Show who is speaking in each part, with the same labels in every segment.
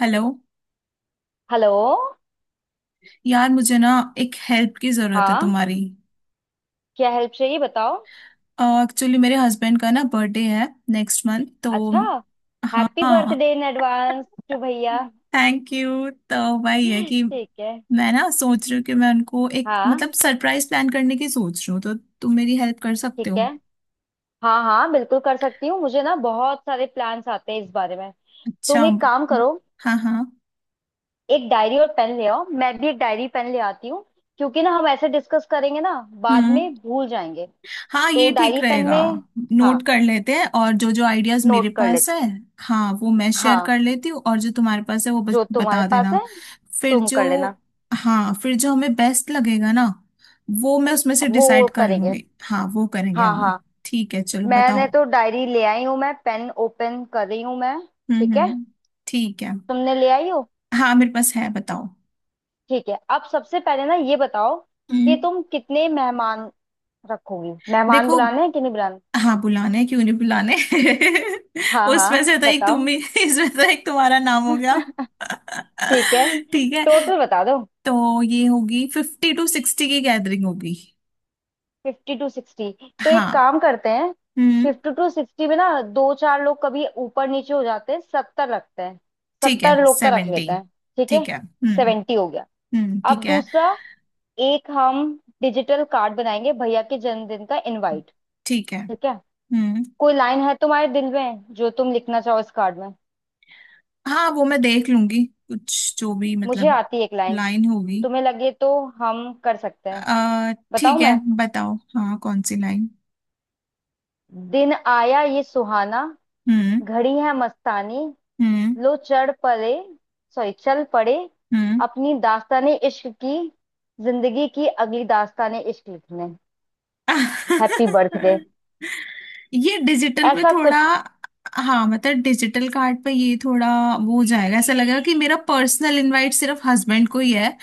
Speaker 1: Hello.
Speaker 2: Hello.
Speaker 1: यार, मुझे ना एक हेल्प की ज़रूरत है
Speaker 2: हाँ,
Speaker 1: तुम्हारी।
Speaker 2: क्या हेल्प चाहिए बताओ।
Speaker 1: एक्चुअली मेरे हस्बैंड का ना बर्थडे है नेक्स्ट मंथ, तो
Speaker 2: अच्छा, हैप्पी
Speaker 1: हाँ,
Speaker 2: बर्थडे इन एडवांस टू भैया।
Speaker 1: Thank you. तो वही है कि
Speaker 2: ठीक है।
Speaker 1: मैं ना सोच रही हूँ कि मैं उनको एक
Speaker 2: हाँ।
Speaker 1: मतलब सरप्राइज प्लान करने की सोच रही हूँ, तो तुम मेरी हेल्प कर
Speaker 2: ठीक
Speaker 1: सकते हो?
Speaker 2: है, हाँ हाँ बिल्कुल कर सकती हूँ। मुझे ना बहुत सारे प्लान्स आते हैं इस बारे में।
Speaker 1: अच्छा,
Speaker 2: तुम एक काम करो,
Speaker 1: हाँ हाँ।
Speaker 2: एक डायरी और पेन ले आओ, मैं भी एक डायरी पेन ले आती हूँ। क्योंकि ना हम ऐसे डिस्कस करेंगे ना, बाद
Speaker 1: हम्म,
Speaker 2: में भूल जाएंगे।
Speaker 1: हाँ,
Speaker 2: तो
Speaker 1: ये ठीक
Speaker 2: डायरी पेन
Speaker 1: रहेगा।
Speaker 2: में हाँ
Speaker 1: नोट कर लेते हैं और जो जो आइडियाज मेरे
Speaker 2: नोट कर
Speaker 1: पास
Speaker 2: लेते।
Speaker 1: है, हाँ, वो मैं शेयर
Speaker 2: हाँ,
Speaker 1: कर लेती हूँ, और जो तुम्हारे पास है वो बस
Speaker 2: जो तुम्हारे
Speaker 1: बता
Speaker 2: पास
Speaker 1: देना।
Speaker 2: है
Speaker 1: फिर
Speaker 2: तुम
Speaker 1: जो
Speaker 2: कर लेना,
Speaker 1: हाँ, फिर जो हमें बेस्ट लगेगा ना, वो मैं उसमें से
Speaker 2: वो
Speaker 1: डिसाइड कर
Speaker 2: करेंगे।
Speaker 1: लूंगी। हाँ, वो करेंगे
Speaker 2: हाँ
Speaker 1: हम लोग।
Speaker 2: हाँ।
Speaker 1: ठीक है, चलो
Speaker 2: मैंने
Speaker 1: बताओ।
Speaker 2: तो डायरी ले आई हूं, मैं पेन ओपन कर रही हूं मैं। ठीक है,
Speaker 1: हम्म, ठीक है।
Speaker 2: तुमने ले आई हो।
Speaker 1: हाँ मेरे पास है, बताओ।
Speaker 2: ठीक है, अब सबसे पहले ना ये बताओ कि
Speaker 1: हम्म।
Speaker 2: तुम कितने मेहमान रखोगी, मेहमान
Speaker 1: देखो,
Speaker 2: बुलाने हैं कि नहीं बुलाने।
Speaker 1: हाँ बुलाने हैं, क्यों नहीं बुलाने।
Speaker 2: हाँ
Speaker 1: उसमें
Speaker 2: हाँ
Speaker 1: से तो एक तुम
Speaker 2: बताओ।
Speaker 1: भी, इसमें तो एक तुम्हारा नाम हो गया।
Speaker 2: ठीक है,
Speaker 1: ठीक है।
Speaker 2: टोटल बता दो।
Speaker 1: तो ये होगी 50-60 की गैदरिंग होगी।
Speaker 2: Fifty to sixty. तो एक
Speaker 1: हाँ,
Speaker 2: काम करते हैं,
Speaker 1: हम्म
Speaker 2: 50-60 में ना दो चार लोग कभी ऊपर नीचे हो जाते हैं, 70 रखते हैं।
Speaker 1: ठीक है,
Speaker 2: सत्तर लोग का रख
Speaker 1: 70।
Speaker 2: लेते हैं, ठीक है।
Speaker 1: ठीक है,
Speaker 2: 70 हो गया।
Speaker 1: हम्म, ठीक
Speaker 2: अब
Speaker 1: है
Speaker 2: दूसरा, एक हम डिजिटल कार्ड बनाएंगे, भैया के जन्मदिन का इनवाइट।
Speaker 1: ठीक है,
Speaker 2: ठीक है,
Speaker 1: हम्म।
Speaker 2: कोई लाइन है तुम्हारे दिल में जो तुम लिखना चाहो इस कार्ड में?
Speaker 1: हाँ, वो मैं देख लूंगी कुछ, जो भी
Speaker 2: मुझे
Speaker 1: मतलब
Speaker 2: आती है एक लाइन,
Speaker 1: लाइन होगी।
Speaker 2: तुम्हें लगे तो हम कर सकते हैं। बताऊं
Speaker 1: ठीक है,
Speaker 2: मैं?
Speaker 1: बताओ, हाँ, कौन सी लाइन?
Speaker 2: दिन आया ये सुहाना,
Speaker 1: हम्म
Speaker 2: घड़ी है मस्तानी,
Speaker 1: हम्म
Speaker 2: लो चढ़ पड़े सॉरी चल पड़े
Speaker 1: हम्म।
Speaker 2: अपनी दास्ताने इश्क की, जिंदगी की अगली दास्ताने इश्क लिखने। Happy birthday.
Speaker 1: ये डिजिटल पे
Speaker 2: ऐसा
Speaker 1: थोड़ा,
Speaker 2: कुछ।
Speaker 1: हाँ मतलब डिजिटल कार्ड पे ये थोड़ा वो हो जाएगा, ऐसा लगेगा कि मेरा पर्सनल इनवाइट सिर्फ हस्बैंड को ही है,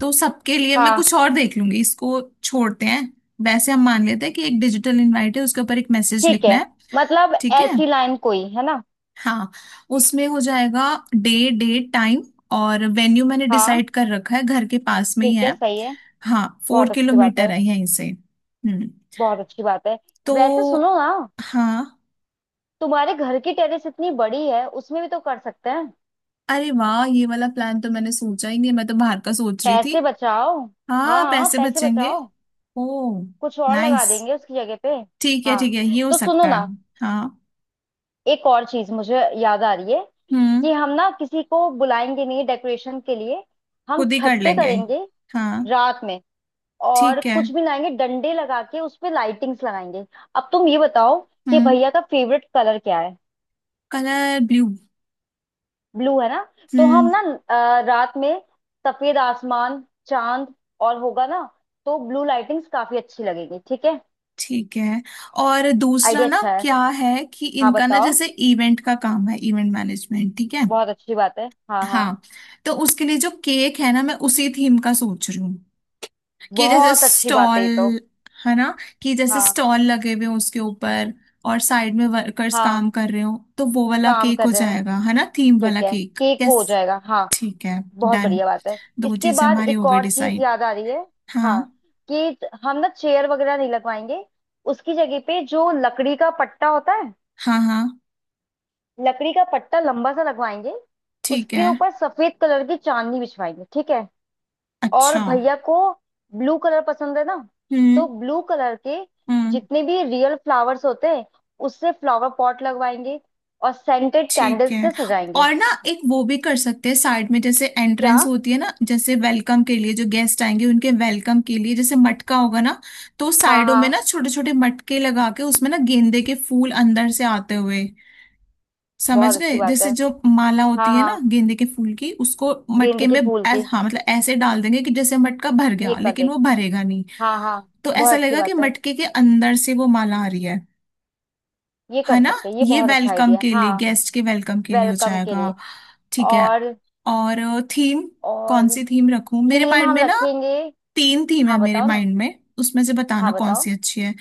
Speaker 1: तो सबके लिए मैं
Speaker 2: हाँ,
Speaker 1: कुछ और देख लूंगी, इसको छोड़ते हैं। वैसे हम मान लेते हैं कि एक डिजिटल इनवाइट है, उसके ऊपर एक मैसेज
Speaker 2: ठीक
Speaker 1: लिखना
Speaker 2: है,
Speaker 1: है।
Speaker 2: मतलब
Speaker 1: ठीक है।
Speaker 2: ऐसी लाइन कोई है ना।
Speaker 1: हाँ, उसमें हो जाएगा डे, डेट, टाइम और वेन्यू। मैंने
Speaker 2: हाँ,
Speaker 1: डिसाइड कर रखा है, घर के पास में ही
Speaker 2: ठीक है,
Speaker 1: है।
Speaker 2: सही है।
Speaker 1: हाँ, फोर
Speaker 2: बहुत अच्छी बात
Speaker 1: किलोमीटर
Speaker 2: है,
Speaker 1: है यहीं से। हम्म।
Speaker 2: बहुत अच्छी बात है।
Speaker 1: तो,
Speaker 2: वैसे सुनो ना,
Speaker 1: हाँ,
Speaker 2: तुम्हारे घर की टेरेस इतनी बड़ी है, उसमें भी तो कर सकते हैं।
Speaker 1: अरे वाह, ये वाला प्लान तो मैंने सोचा ही नहीं, मैं तो बाहर का सोच रही थी।
Speaker 2: पैसे बचाओ। हाँ
Speaker 1: हाँ,
Speaker 2: हाँ
Speaker 1: पैसे
Speaker 2: पैसे
Speaker 1: बचेंगे।
Speaker 2: बचाओ।
Speaker 1: ओ,
Speaker 2: कुछ और लगा
Speaker 1: नाइस,
Speaker 2: देंगे उसकी जगह पे।
Speaker 1: ठीक है ठीक
Speaker 2: हाँ।
Speaker 1: है, ये हो
Speaker 2: तो सुनो
Speaker 1: सकता है।
Speaker 2: ना,
Speaker 1: हाँ,
Speaker 2: एक और चीज मुझे याद आ रही है
Speaker 1: हम्म,
Speaker 2: कि हम ना किसी को बुलाएंगे नहीं डेकोरेशन के लिए, हम
Speaker 1: खुद ही
Speaker 2: छत
Speaker 1: कर
Speaker 2: पे
Speaker 1: लेंगे,
Speaker 2: करेंगे।
Speaker 1: हाँ।
Speaker 2: रात में, और
Speaker 1: ठीक है,
Speaker 2: कुछ भी लाएंगे डंडे लगा के उस पे लाइटिंग्स लगाएंगे। अब तुम ये बताओ कि
Speaker 1: हम्म।
Speaker 2: भैया का फेवरेट कलर क्या है?
Speaker 1: कलर ब्लू,
Speaker 2: ब्लू है ना। तो हम
Speaker 1: हम्म।
Speaker 2: ना, रात में सफेद आसमान चांद और होगा ना, तो ब्लू लाइटिंग्स काफी अच्छी लगेगी, ठीक है।
Speaker 1: ठीक है। और दूसरा
Speaker 2: आइडिया
Speaker 1: ना
Speaker 2: अच्छा है,
Speaker 1: क्या है कि
Speaker 2: हाँ
Speaker 1: इनका ना
Speaker 2: बताओ।
Speaker 1: जैसे इवेंट का काम है, इवेंट मैनेजमेंट, ठीक है,
Speaker 2: बहुत अच्छी बात है, हाँ हाँ।
Speaker 1: हाँ। तो उसके लिए जो केक है ना, मैं उसी थीम का सोच रही हूँ कि जैसे
Speaker 2: बहुत अच्छी बात है
Speaker 1: स्टॉल,
Speaker 2: ये तो।
Speaker 1: है ना, कि जैसे
Speaker 2: हाँ।
Speaker 1: स्टॉल लगे हुए हैं उसके ऊपर, और साइड में वर्कर्स
Speaker 2: हाँ
Speaker 1: काम कर रहे हो, तो वो वाला
Speaker 2: काम
Speaker 1: केक
Speaker 2: कर
Speaker 1: हो
Speaker 2: रहे हैं।
Speaker 1: जाएगा, है ना, थीम वाला
Speaker 2: ठीक है,
Speaker 1: केक,
Speaker 2: केक वो हो
Speaker 1: यस।
Speaker 2: जाएगा हाँ।
Speaker 1: ठीक है,
Speaker 2: बहुत
Speaker 1: डन,
Speaker 2: बढ़िया बात है।
Speaker 1: दो
Speaker 2: इसके
Speaker 1: चीजें
Speaker 2: बाद
Speaker 1: हमारी हो
Speaker 2: एक
Speaker 1: गई
Speaker 2: और चीज
Speaker 1: डिसाइड।
Speaker 2: याद आ रही है।
Speaker 1: हाँ
Speaker 2: हाँ, कि हम ना चेयर वगैरह नहीं लगवाएंगे, उसकी जगह पे जो लकड़ी का पट्टा होता है,
Speaker 1: हाँ हाँ,
Speaker 2: लकड़ी का पट्टा लंबा सा लगवाएंगे।
Speaker 1: ठीक
Speaker 2: उसके
Speaker 1: है,
Speaker 2: ऊपर सफेद कलर की चांदनी बिछवाएंगे, ठीक है। और
Speaker 1: अच्छा।
Speaker 2: भैया को ब्लू कलर पसंद है ना, तो
Speaker 1: हम्म
Speaker 2: ब्लू कलर के
Speaker 1: हम्म,
Speaker 2: जितने भी रियल फ्लावर्स होते हैं उससे फ्लावर पॉट लगवाएंगे, और सेंटेड
Speaker 1: ठीक
Speaker 2: कैंडल्स
Speaker 1: है।
Speaker 2: से सजाएंगे।
Speaker 1: और ना एक वो भी कर सकते हैं, साइड में जैसे
Speaker 2: क्या?
Speaker 1: एंट्रेंस होती है ना, जैसे वेलकम के लिए जो गेस्ट आएंगे उनके वेलकम के लिए, जैसे मटका होगा ना, तो
Speaker 2: हाँ
Speaker 1: साइडों में
Speaker 2: हाँ,
Speaker 1: ना छोटे छोटे मटके लगा के उसमें ना गेंदे के फूल अंदर से आते हुए,
Speaker 2: बहुत
Speaker 1: समझ
Speaker 2: अच्छी
Speaker 1: गए,
Speaker 2: बात
Speaker 1: जैसे
Speaker 2: है।
Speaker 1: जो माला
Speaker 2: हाँ
Speaker 1: होती है ना
Speaker 2: हाँ,
Speaker 1: गेंदे के फूल की, उसको मटके
Speaker 2: गेंदे के
Speaker 1: में
Speaker 2: फूल के
Speaker 1: हाँ, मतलब ऐसे डाल देंगे कि जैसे मटका भर
Speaker 2: ये
Speaker 1: गया
Speaker 2: कर दे।
Speaker 1: लेकिन वो भरेगा नहीं,
Speaker 2: हाँ हाँ,
Speaker 1: तो ऐसा
Speaker 2: बहुत अच्छी
Speaker 1: लगेगा कि
Speaker 2: बात है,
Speaker 1: मटके के अंदर से वो माला आ रही है
Speaker 2: ये
Speaker 1: है
Speaker 2: कर
Speaker 1: ना।
Speaker 2: सकते हैं, ये
Speaker 1: ये
Speaker 2: बहुत अच्छा
Speaker 1: वेलकम
Speaker 2: आइडिया है।
Speaker 1: के लिए,
Speaker 2: हाँ,
Speaker 1: गेस्ट के वेलकम के लिए हो
Speaker 2: वेलकम के लिए।
Speaker 1: जाएगा। ठीक है।
Speaker 2: और
Speaker 1: और थीम, कौन
Speaker 2: और
Speaker 1: सी थीम रखूं, मेरे
Speaker 2: थीम
Speaker 1: माइंड
Speaker 2: हम
Speaker 1: में ना
Speaker 2: रखेंगे।
Speaker 1: तीन थीम है,
Speaker 2: हाँ
Speaker 1: मेरे
Speaker 2: बताओ ना,
Speaker 1: माइंड में उसमें से
Speaker 2: हाँ
Speaker 1: बताना कौन
Speaker 2: बताओ,
Speaker 1: सी अच्छी है।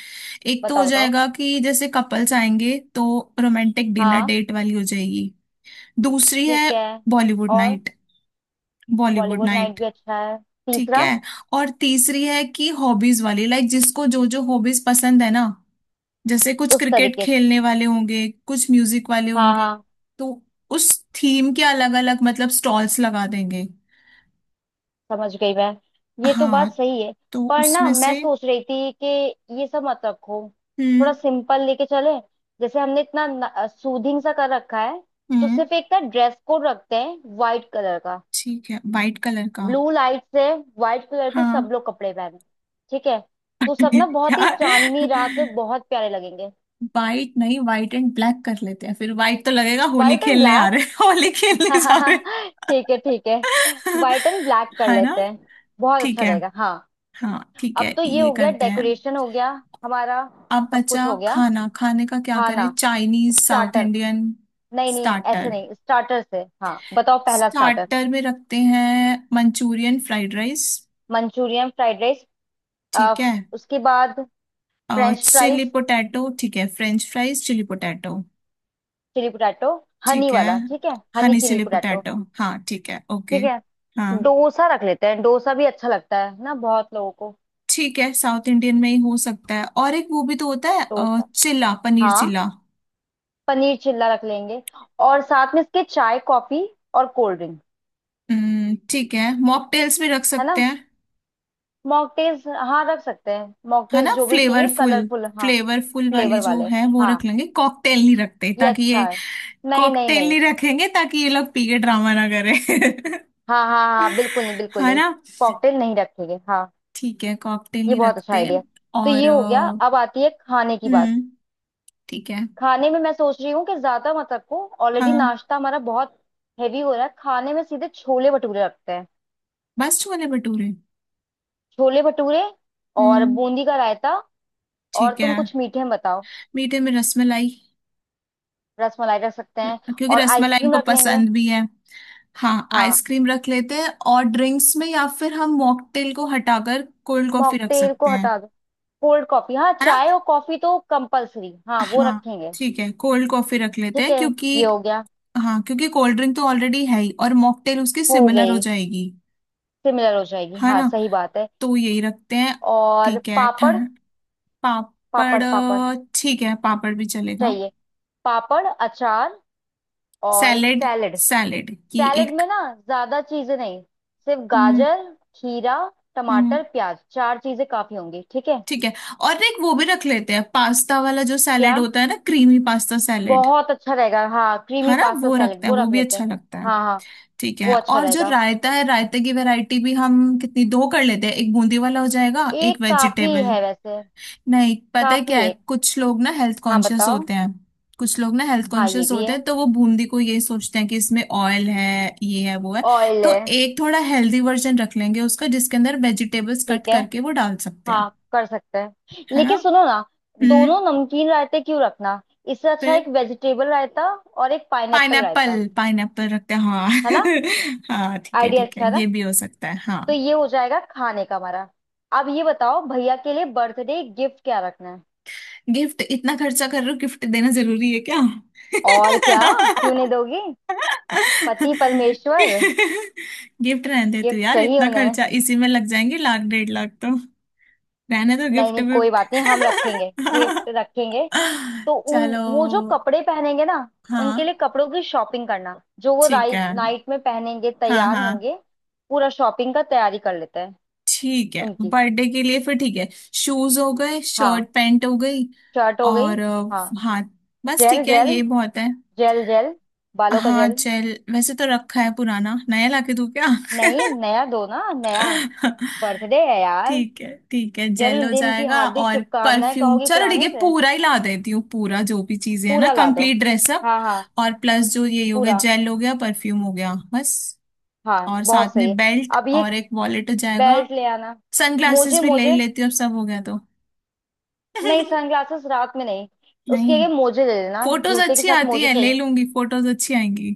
Speaker 1: एक तो हो
Speaker 2: बताओ बताओ।
Speaker 1: जाएगा कि जैसे कपल्स आएंगे तो रोमांटिक डिनर
Speaker 2: हाँ।
Speaker 1: डेट वाली हो जाएगी। दूसरी है
Speaker 2: ठीक है,
Speaker 1: बॉलीवुड
Speaker 2: और
Speaker 1: night, Bollywood
Speaker 2: Bollywood night
Speaker 1: night.
Speaker 2: भी अच्छा है।
Speaker 1: ठीक
Speaker 2: तीसरा।
Speaker 1: है। और तीसरी है कि हॉबीज वाली, लाइक जिसको जो जो हॉबीज पसंद है ना, जैसे कुछ
Speaker 2: उस
Speaker 1: क्रिकेट
Speaker 2: तरीके से,
Speaker 1: खेलने वाले होंगे, कुछ म्यूजिक वाले
Speaker 2: हाँ
Speaker 1: होंगे,
Speaker 2: हाँ।
Speaker 1: तो उस थीम के अलग अलग मतलब स्टॉल्स लगा देंगे।
Speaker 2: समझ गई मैं, ये तो
Speaker 1: हाँ,
Speaker 2: बात सही है।
Speaker 1: तो
Speaker 2: पर ना
Speaker 1: उसमें
Speaker 2: मैं
Speaker 1: से।
Speaker 2: सोच रही थी कि ये सब मत रखो, थोड़ा
Speaker 1: हम्म
Speaker 2: सिंपल लेके चले, जैसे हमने इतना सूदिंग सा कर रखा है, तो
Speaker 1: हम्म,
Speaker 2: सिर्फ एक ना ड्रेस कोड रखते हैं व्हाइट कलर का।
Speaker 1: ठीक है, वाइट कलर का,
Speaker 2: ब्लू लाइट से व्हाइट कलर के सब
Speaker 1: हाँ।
Speaker 2: लोग कपड़े पहने, ठीक है। तो सब ना बहुत ही
Speaker 1: यार
Speaker 2: चांदनी रात में बहुत प्यारे लगेंगे।
Speaker 1: वाइट नहीं, वाइट एंड ब्लैक कर लेते हैं, फिर वाइट तो लगेगा होली
Speaker 2: व्हाइट एंड
Speaker 1: खेलने आ
Speaker 2: ब्लैक,
Speaker 1: रहे, होली खेलने जा रहे।
Speaker 2: ठीक है ठीक है, व्हाइट एंड ब्लैक कर
Speaker 1: है ना।
Speaker 2: लेते हैं। बहुत
Speaker 1: ठीक
Speaker 2: अच्छा
Speaker 1: है,
Speaker 2: रहेगा, हाँ।
Speaker 1: हाँ ठीक है,
Speaker 2: अब तो ये
Speaker 1: ये
Speaker 2: हो गया,
Speaker 1: करते हैं।
Speaker 2: डेकोरेशन हो गया हमारा,
Speaker 1: अब
Speaker 2: सब
Speaker 1: बचा
Speaker 2: कुछ हो गया।
Speaker 1: खाना, खाने का क्या करें,
Speaker 2: खाना,
Speaker 1: चाइनीज, साउथ
Speaker 2: स्टार्टर।
Speaker 1: इंडियन?
Speaker 2: नहीं नहीं ऐसे
Speaker 1: स्टार्टर,
Speaker 2: नहीं, स्टार्टर से हाँ बताओ, पहला स्टार्टर।
Speaker 1: स्टार्टर में रखते हैं Manchurian fried rice.
Speaker 2: Manchurian fried rice,
Speaker 1: ठीक है,
Speaker 2: उसके बाद फ्रेंच
Speaker 1: चिली
Speaker 2: फ्राइज,
Speaker 1: पोटैटो, ठीक है, French fries, chilli potato,
Speaker 2: chilli potato, honey
Speaker 1: ठीक है,
Speaker 2: वाला, ठीक है, honey
Speaker 1: honey
Speaker 2: chilli
Speaker 1: chilli
Speaker 2: potato.
Speaker 1: Potato, हाँ ठीक है, ओके।
Speaker 2: ठीक है,
Speaker 1: हाँ,
Speaker 2: डोसा रख लेते हैं, डोसा भी अच्छा लगता है ना बहुत लोगों को।
Speaker 1: ठीक है, साउथ इंडियन में ही हो सकता है, और एक वो भी तो होता है,
Speaker 2: डोसा,
Speaker 1: चिल्ला, पनीर
Speaker 2: हाँ,
Speaker 1: चिल्ला।
Speaker 2: पनीर चिल्ला रख लेंगे। और साथ में इसके चाय कॉफी और कोल्ड ड्रिंक।
Speaker 1: ठीक है, मॉकटेल्स भी रख
Speaker 2: है
Speaker 1: सकते
Speaker 2: ना,
Speaker 1: हैं,
Speaker 2: मॉकटेल्स हाँ रख सकते हैं,
Speaker 1: है
Speaker 2: मॉकटेल्स
Speaker 1: ना,
Speaker 2: जो भी पिए
Speaker 1: फ्लेवरफुल,
Speaker 2: कलरफुल, हाँ।
Speaker 1: फ्लेवरफुल वाली
Speaker 2: फ्लेवर
Speaker 1: जो
Speaker 2: वाले,
Speaker 1: है वो
Speaker 2: हाँ,
Speaker 1: रख लेंगे, कॉकटेल नहीं रखते
Speaker 2: ये
Speaker 1: ताकि
Speaker 2: अच्छा
Speaker 1: ये,
Speaker 2: है। नहीं नहीं
Speaker 1: कॉकटेल नहीं
Speaker 2: नहीं,
Speaker 1: रखेंगे ताकि ये लोग पी के ड्रामा ना करें।
Speaker 2: हाँ हाँ हाँ बिल्कुल नहीं, बिल्कुल
Speaker 1: है
Speaker 2: नहीं।
Speaker 1: ना,
Speaker 2: कॉकटेल नहीं रखेंगे, हाँ।
Speaker 1: ठीक है, कॉकटेल
Speaker 2: ये
Speaker 1: नहीं
Speaker 2: बहुत अच्छा
Speaker 1: रखते।
Speaker 2: आइडिया। तो
Speaker 1: और
Speaker 2: ये हो गया, अब आती है खाने की बात।
Speaker 1: हम्म, ठीक है,
Speaker 2: खाने में मैं सोच रही हूँ कि ज्यादा मत रखो, ऑलरेडी
Speaker 1: हाँ,
Speaker 2: नाश्ता हमारा बहुत हैवी हो रहा है, खाने में सीधे छोले भटूरे रखते हैं।
Speaker 1: बस छोले भटूरे।
Speaker 2: छोले भटूरे और
Speaker 1: हम्म,
Speaker 2: बूंदी का रायता, और
Speaker 1: ठीक है।
Speaker 2: तुम कुछ मीठे में बताओ।
Speaker 1: मीठे में रसमलाई,
Speaker 2: रसमलाई रख सकते हैं,
Speaker 1: क्योंकि
Speaker 2: और
Speaker 1: रसमलाई
Speaker 2: आइसक्रीम
Speaker 1: इनको
Speaker 2: रख लेंगे।
Speaker 1: पसंद भी है। हाँ,
Speaker 2: हाँ,
Speaker 1: आइसक्रीम रख लेते हैं और ड्रिंक्स में, या फिर हम मॉकटेल को हटाकर कोल्ड कॉफी रख
Speaker 2: मॉकटेल को
Speaker 1: सकते हैं।
Speaker 2: हटा दो, कोल्ड कॉफी, हाँ चाय
Speaker 1: है।
Speaker 2: और कॉफी तो कंपलसरी, हाँ वो
Speaker 1: हाँ
Speaker 2: रखेंगे।
Speaker 1: ठीक है, कोल्ड कॉफी रख लेते
Speaker 2: ठीक
Speaker 1: हैं
Speaker 2: है,
Speaker 1: क्योंकि,
Speaker 2: ये हो गया।
Speaker 1: हाँ, क्योंकि कोल्ड ड्रिंक तो ऑलरेडी है ही, और मॉकटेल उसकी
Speaker 2: हो
Speaker 1: सिमिलर हो
Speaker 2: गई,
Speaker 1: जाएगी,
Speaker 2: सिमिलर हो जाएगी,
Speaker 1: है
Speaker 2: हाँ
Speaker 1: ना।
Speaker 2: सही बात है।
Speaker 1: तो यही रखते हैं।
Speaker 2: और
Speaker 1: ठीक है।
Speaker 2: पापड़,
Speaker 1: ठंड,
Speaker 2: पापड़
Speaker 1: पापड़,
Speaker 2: पापड़
Speaker 1: ठीक है, पापड़ भी चलेगा।
Speaker 2: चाहिए। पापड़, अचार, और
Speaker 1: सैलेड,
Speaker 2: सैलेड।
Speaker 1: सैलेड ये
Speaker 2: सैलेड
Speaker 1: एक।
Speaker 2: में ना ज्यादा चीजें नहीं, सिर्फ
Speaker 1: हम्म
Speaker 2: गाजर, खीरा,
Speaker 1: हम्म,
Speaker 2: टमाटर, प्याज, चार चीजें काफी होंगी, ठीक है।
Speaker 1: ठीक है। और ना एक वो भी रख लेते हैं पास्ता वाला जो सैलेड
Speaker 2: क्या?
Speaker 1: होता है ना, क्रीमी पास्ता सैलेड,
Speaker 2: बहुत अच्छा रहेगा, हाँ
Speaker 1: है
Speaker 2: क्रीमी
Speaker 1: ना,
Speaker 2: पास्ता
Speaker 1: वो
Speaker 2: सैलेड
Speaker 1: रखते हैं,
Speaker 2: वो
Speaker 1: वो
Speaker 2: रख
Speaker 1: भी
Speaker 2: लेते
Speaker 1: अच्छा
Speaker 2: हैं।
Speaker 1: लगता है।
Speaker 2: हाँ हाँ,
Speaker 1: ठीक
Speaker 2: वो
Speaker 1: है।
Speaker 2: अच्छा
Speaker 1: और जो
Speaker 2: रहेगा।
Speaker 1: रायता है, रायते की वैरायटी भी हम कितनी, दो कर लेते हैं, एक बूंदी वाला हो जाएगा, एक
Speaker 2: एक काफी
Speaker 1: वेजिटेबल।
Speaker 2: है वैसे।
Speaker 1: नहीं, पता है
Speaker 2: काफी
Speaker 1: क्या है,
Speaker 2: एक।
Speaker 1: कुछ लोग ना हेल्थ
Speaker 2: हाँ
Speaker 1: कॉन्शियस
Speaker 2: बताओ।
Speaker 1: होते हैं, कुछ लोग ना हेल्थ
Speaker 2: हाँ ये
Speaker 1: कॉन्शियस
Speaker 2: भी
Speaker 1: होते हैं,
Speaker 2: है,
Speaker 1: तो वो बूंदी को ये सोचते हैं कि इसमें ऑयल है, ये है वो है,
Speaker 2: ऑयल
Speaker 1: तो
Speaker 2: है।
Speaker 1: एक थोड़ा हेल्दी वर्जन रख लेंगे उसका जिसके अंदर वेजिटेबल्स कट
Speaker 2: ठीक है,
Speaker 1: करके वो डाल सकते हैं,
Speaker 2: हाँ कर सकते हैं।
Speaker 1: है ना।
Speaker 2: लेकिन सुनो ना,
Speaker 1: हम्म।
Speaker 2: दोनों नमकीन रायते क्यों रखना, इससे अच्छा एक
Speaker 1: फिर
Speaker 2: वेजिटेबल रायता और एक पाइनएप्पल रायता।
Speaker 1: पाइनएप्पल, पाइनएप्पल रखते हैं, हाँ।
Speaker 2: है ना,
Speaker 1: हाँ ठीक है,
Speaker 2: आइडिया
Speaker 1: ठीक है,
Speaker 2: अच्छा है ना।
Speaker 1: ये भी हो सकता है, हाँ।
Speaker 2: तो ये हो जाएगा खाने का हमारा। अब ये बताओ, भैया के लिए बर्थडे गिफ्ट क्या रखना है।
Speaker 1: गिफ्ट? इतना खर्चा कर रहे हो, गिफ्ट देना जरूरी है क्या?
Speaker 2: और क्या, क्यों नहीं दोगी, पति परमेश्वर।
Speaker 1: गिफ्ट रहने दे तू
Speaker 2: गिफ्ट
Speaker 1: यार,
Speaker 2: चाहिए
Speaker 1: इतना
Speaker 2: उन्हें।
Speaker 1: खर्चा इसी में लग जाएंगे, लाख 1.5 लाख तो। रहने दो
Speaker 2: नहीं
Speaker 1: गिफ्ट
Speaker 2: नहीं, कोई बात
Speaker 1: विफ्ट।
Speaker 2: नहीं, हम रखेंगे गिफ्ट रखेंगे। तो उन,
Speaker 1: चलो,
Speaker 2: वो जो कपड़े पहनेंगे ना, उनके
Speaker 1: हाँ
Speaker 2: लिए कपड़ों की शॉपिंग करना जो वो
Speaker 1: ठीक है,
Speaker 2: राइट नाइट में पहनेंगे,
Speaker 1: हाँ
Speaker 2: तैयार
Speaker 1: हाँ,
Speaker 2: होंगे। पूरा शॉपिंग का तैयारी कर लेते हैं
Speaker 1: ठीक है
Speaker 2: उनकी।
Speaker 1: बर्थडे के लिए, फिर ठीक है, शूज हो गए, शर्ट
Speaker 2: हाँ,
Speaker 1: पैंट हो गई,
Speaker 2: शर्ट हो गई।
Speaker 1: और
Speaker 2: हाँ,
Speaker 1: हाँ, बस,
Speaker 2: जेल
Speaker 1: ठीक है,
Speaker 2: जेल,
Speaker 1: ये बहुत है।
Speaker 2: जेल जेल, बालों का
Speaker 1: हाँ,
Speaker 2: जेल।
Speaker 1: जेल, वैसे तो रखा है पुराना, नया लाके दूँ क्या?
Speaker 2: नहीं, नया दो ना नया, बर्थडे है यार।
Speaker 1: ठीक है ठीक है, जेल हो
Speaker 2: जन्मदिन की
Speaker 1: जाएगा।
Speaker 2: हार्दिक
Speaker 1: और
Speaker 2: शुभकामनाएं
Speaker 1: परफ्यूम,
Speaker 2: कहोगी
Speaker 1: चलो ठीक
Speaker 2: पुराने
Speaker 1: है,
Speaker 2: से?
Speaker 1: पूरा ही ला देती हूँ, पूरा जो भी चीजें है ना,
Speaker 2: पूरा ला दो,
Speaker 1: कंप्लीट ड्रेसअप।
Speaker 2: हाँ हाँ,
Speaker 1: और प्लस जो ये हो गया,
Speaker 2: पूरा,
Speaker 1: जेल हो गया, परफ्यूम हो गया, बस।
Speaker 2: हाँ
Speaker 1: और
Speaker 2: बहुत
Speaker 1: साथ
Speaker 2: सही
Speaker 1: में
Speaker 2: है।
Speaker 1: बेल्ट
Speaker 2: अब ये
Speaker 1: और एक वॉलेट हो जाएगा,
Speaker 2: बेल्ट ले आना। मोजे
Speaker 1: सनग्लासेस भी ले ही
Speaker 2: मोजे,
Speaker 1: लेती हूँ, अब सब हो गया तो।
Speaker 2: नहीं सनग्लासेस रात में नहीं, उसके
Speaker 1: नहीं,
Speaker 2: आगे मोजे ले लेना,
Speaker 1: फोटोज
Speaker 2: जूते के
Speaker 1: अच्छी
Speaker 2: साथ
Speaker 1: आती
Speaker 2: मोजे
Speaker 1: है, ले
Speaker 2: चाहिए।
Speaker 1: लूंगी, फोटोज अच्छी आएंगी।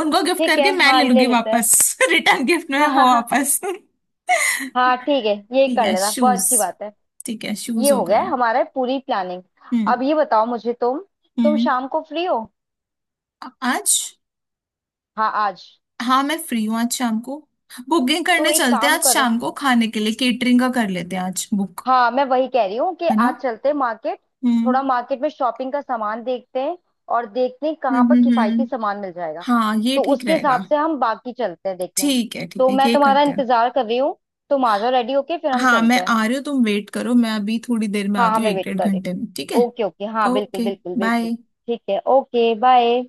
Speaker 1: उनको गिफ्ट
Speaker 2: ठीक
Speaker 1: करके
Speaker 2: है,
Speaker 1: मैं
Speaker 2: हाँ
Speaker 1: ले
Speaker 2: ले
Speaker 1: लूंगी
Speaker 2: लेते हैं।
Speaker 1: वापस। रिटर्न गिफ्ट में
Speaker 2: हाँ
Speaker 1: वो
Speaker 2: हाँ हाँ,
Speaker 1: वापस।
Speaker 2: हाँ ठीक है, ये
Speaker 1: ठीक
Speaker 2: कर
Speaker 1: है,
Speaker 2: लेना बहुत
Speaker 1: शूज।
Speaker 2: अच्छी बात है।
Speaker 1: ठीक है,
Speaker 2: ये
Speaker 1: शूज हो
Speaker 2: हो गया
Speaker 1: गए।
Speaker 2: है हमारा, पूरी प्लानिंग।
Speaker 1: हम्म
Speaker 2: अब ये बताओ मुझे तुम
Speaker 1: हम्म।
Speaker 2: शाम को फ्री हो?
Speaker 1: आज?
Speaker 2: हाँ आज।
Speaker 1: हाँ, मैं फ्री हूँ आज शाम को। बुकिंग
Speaker 2: तो
Speaker 1: करने
Speaker 2: एक
Speaker 1: चलते हैं
Speaker 2: काम
Speaker 1: आज
Speaker 2: करो,
Speaker 1: शाम को, खाने के लिए केटरिंग का कर लेते हैं आज बुक,
Speaker 2: हाँ मैं वही कह रही हूँ कि
Speaker 1: है ना।
Speaker 2: आज चलते हैं मार्केट, थोड़ा
Speaker 1: हम्म
Speaker 2: मार्केट में शॉपिंग का सामान देखते हैं, और देखते हैं
Speaker 1: हम्म
Speaker 2: कहाँ पर
Speaker 1: हम्म हम्म।
Speaker 2: किफायती सामान मिल जाएगा।
Speaker 1: हाँ, ये
Speaker 2: तो
Speaker 1: ठीक
Speaker 2: उसके
Speaker 1: रहेगा।
Speaker 2: हिसाब से हम बाकी चलते हैं देखने।
Speaker 1: ठीक है ठीक
Speaker 2: तो
Speaker 1: है,
Speaker 2: मैं
Speaker 1: ये
Speaker 2: तुम्हारा
Speaker 1: करते हैं।
Speaker 2: इंतजार कर रही हूँ, तुम आ जाओ रेडी होके, फिर हम
Speaker 1: हाँ, मैं
Speaker 2: चलते हैं।
Speaker 1: आ रही हूँ, तुम वेट करो, मैं अभी थोड़ी देर में
Speaker 2: हाँ हाँ,
Speaker 1: आती हूँ,
Speaker 2: मैं
Speaker 1: एक
Speaker 2: वेट
Speaker 1: डेढ़
Speaker 2: कर रही
Speaker 1: घंटे में, ठीक है।
Speaker 2: हूँ, ओके ओके, हाँ बिल्कुल
Speaker 1: ओके,
Speaker 2: बिल्कुल बिल्कुल।
Speaker 1: बाय।
Speaker 2: ठीक है, ओके बाय।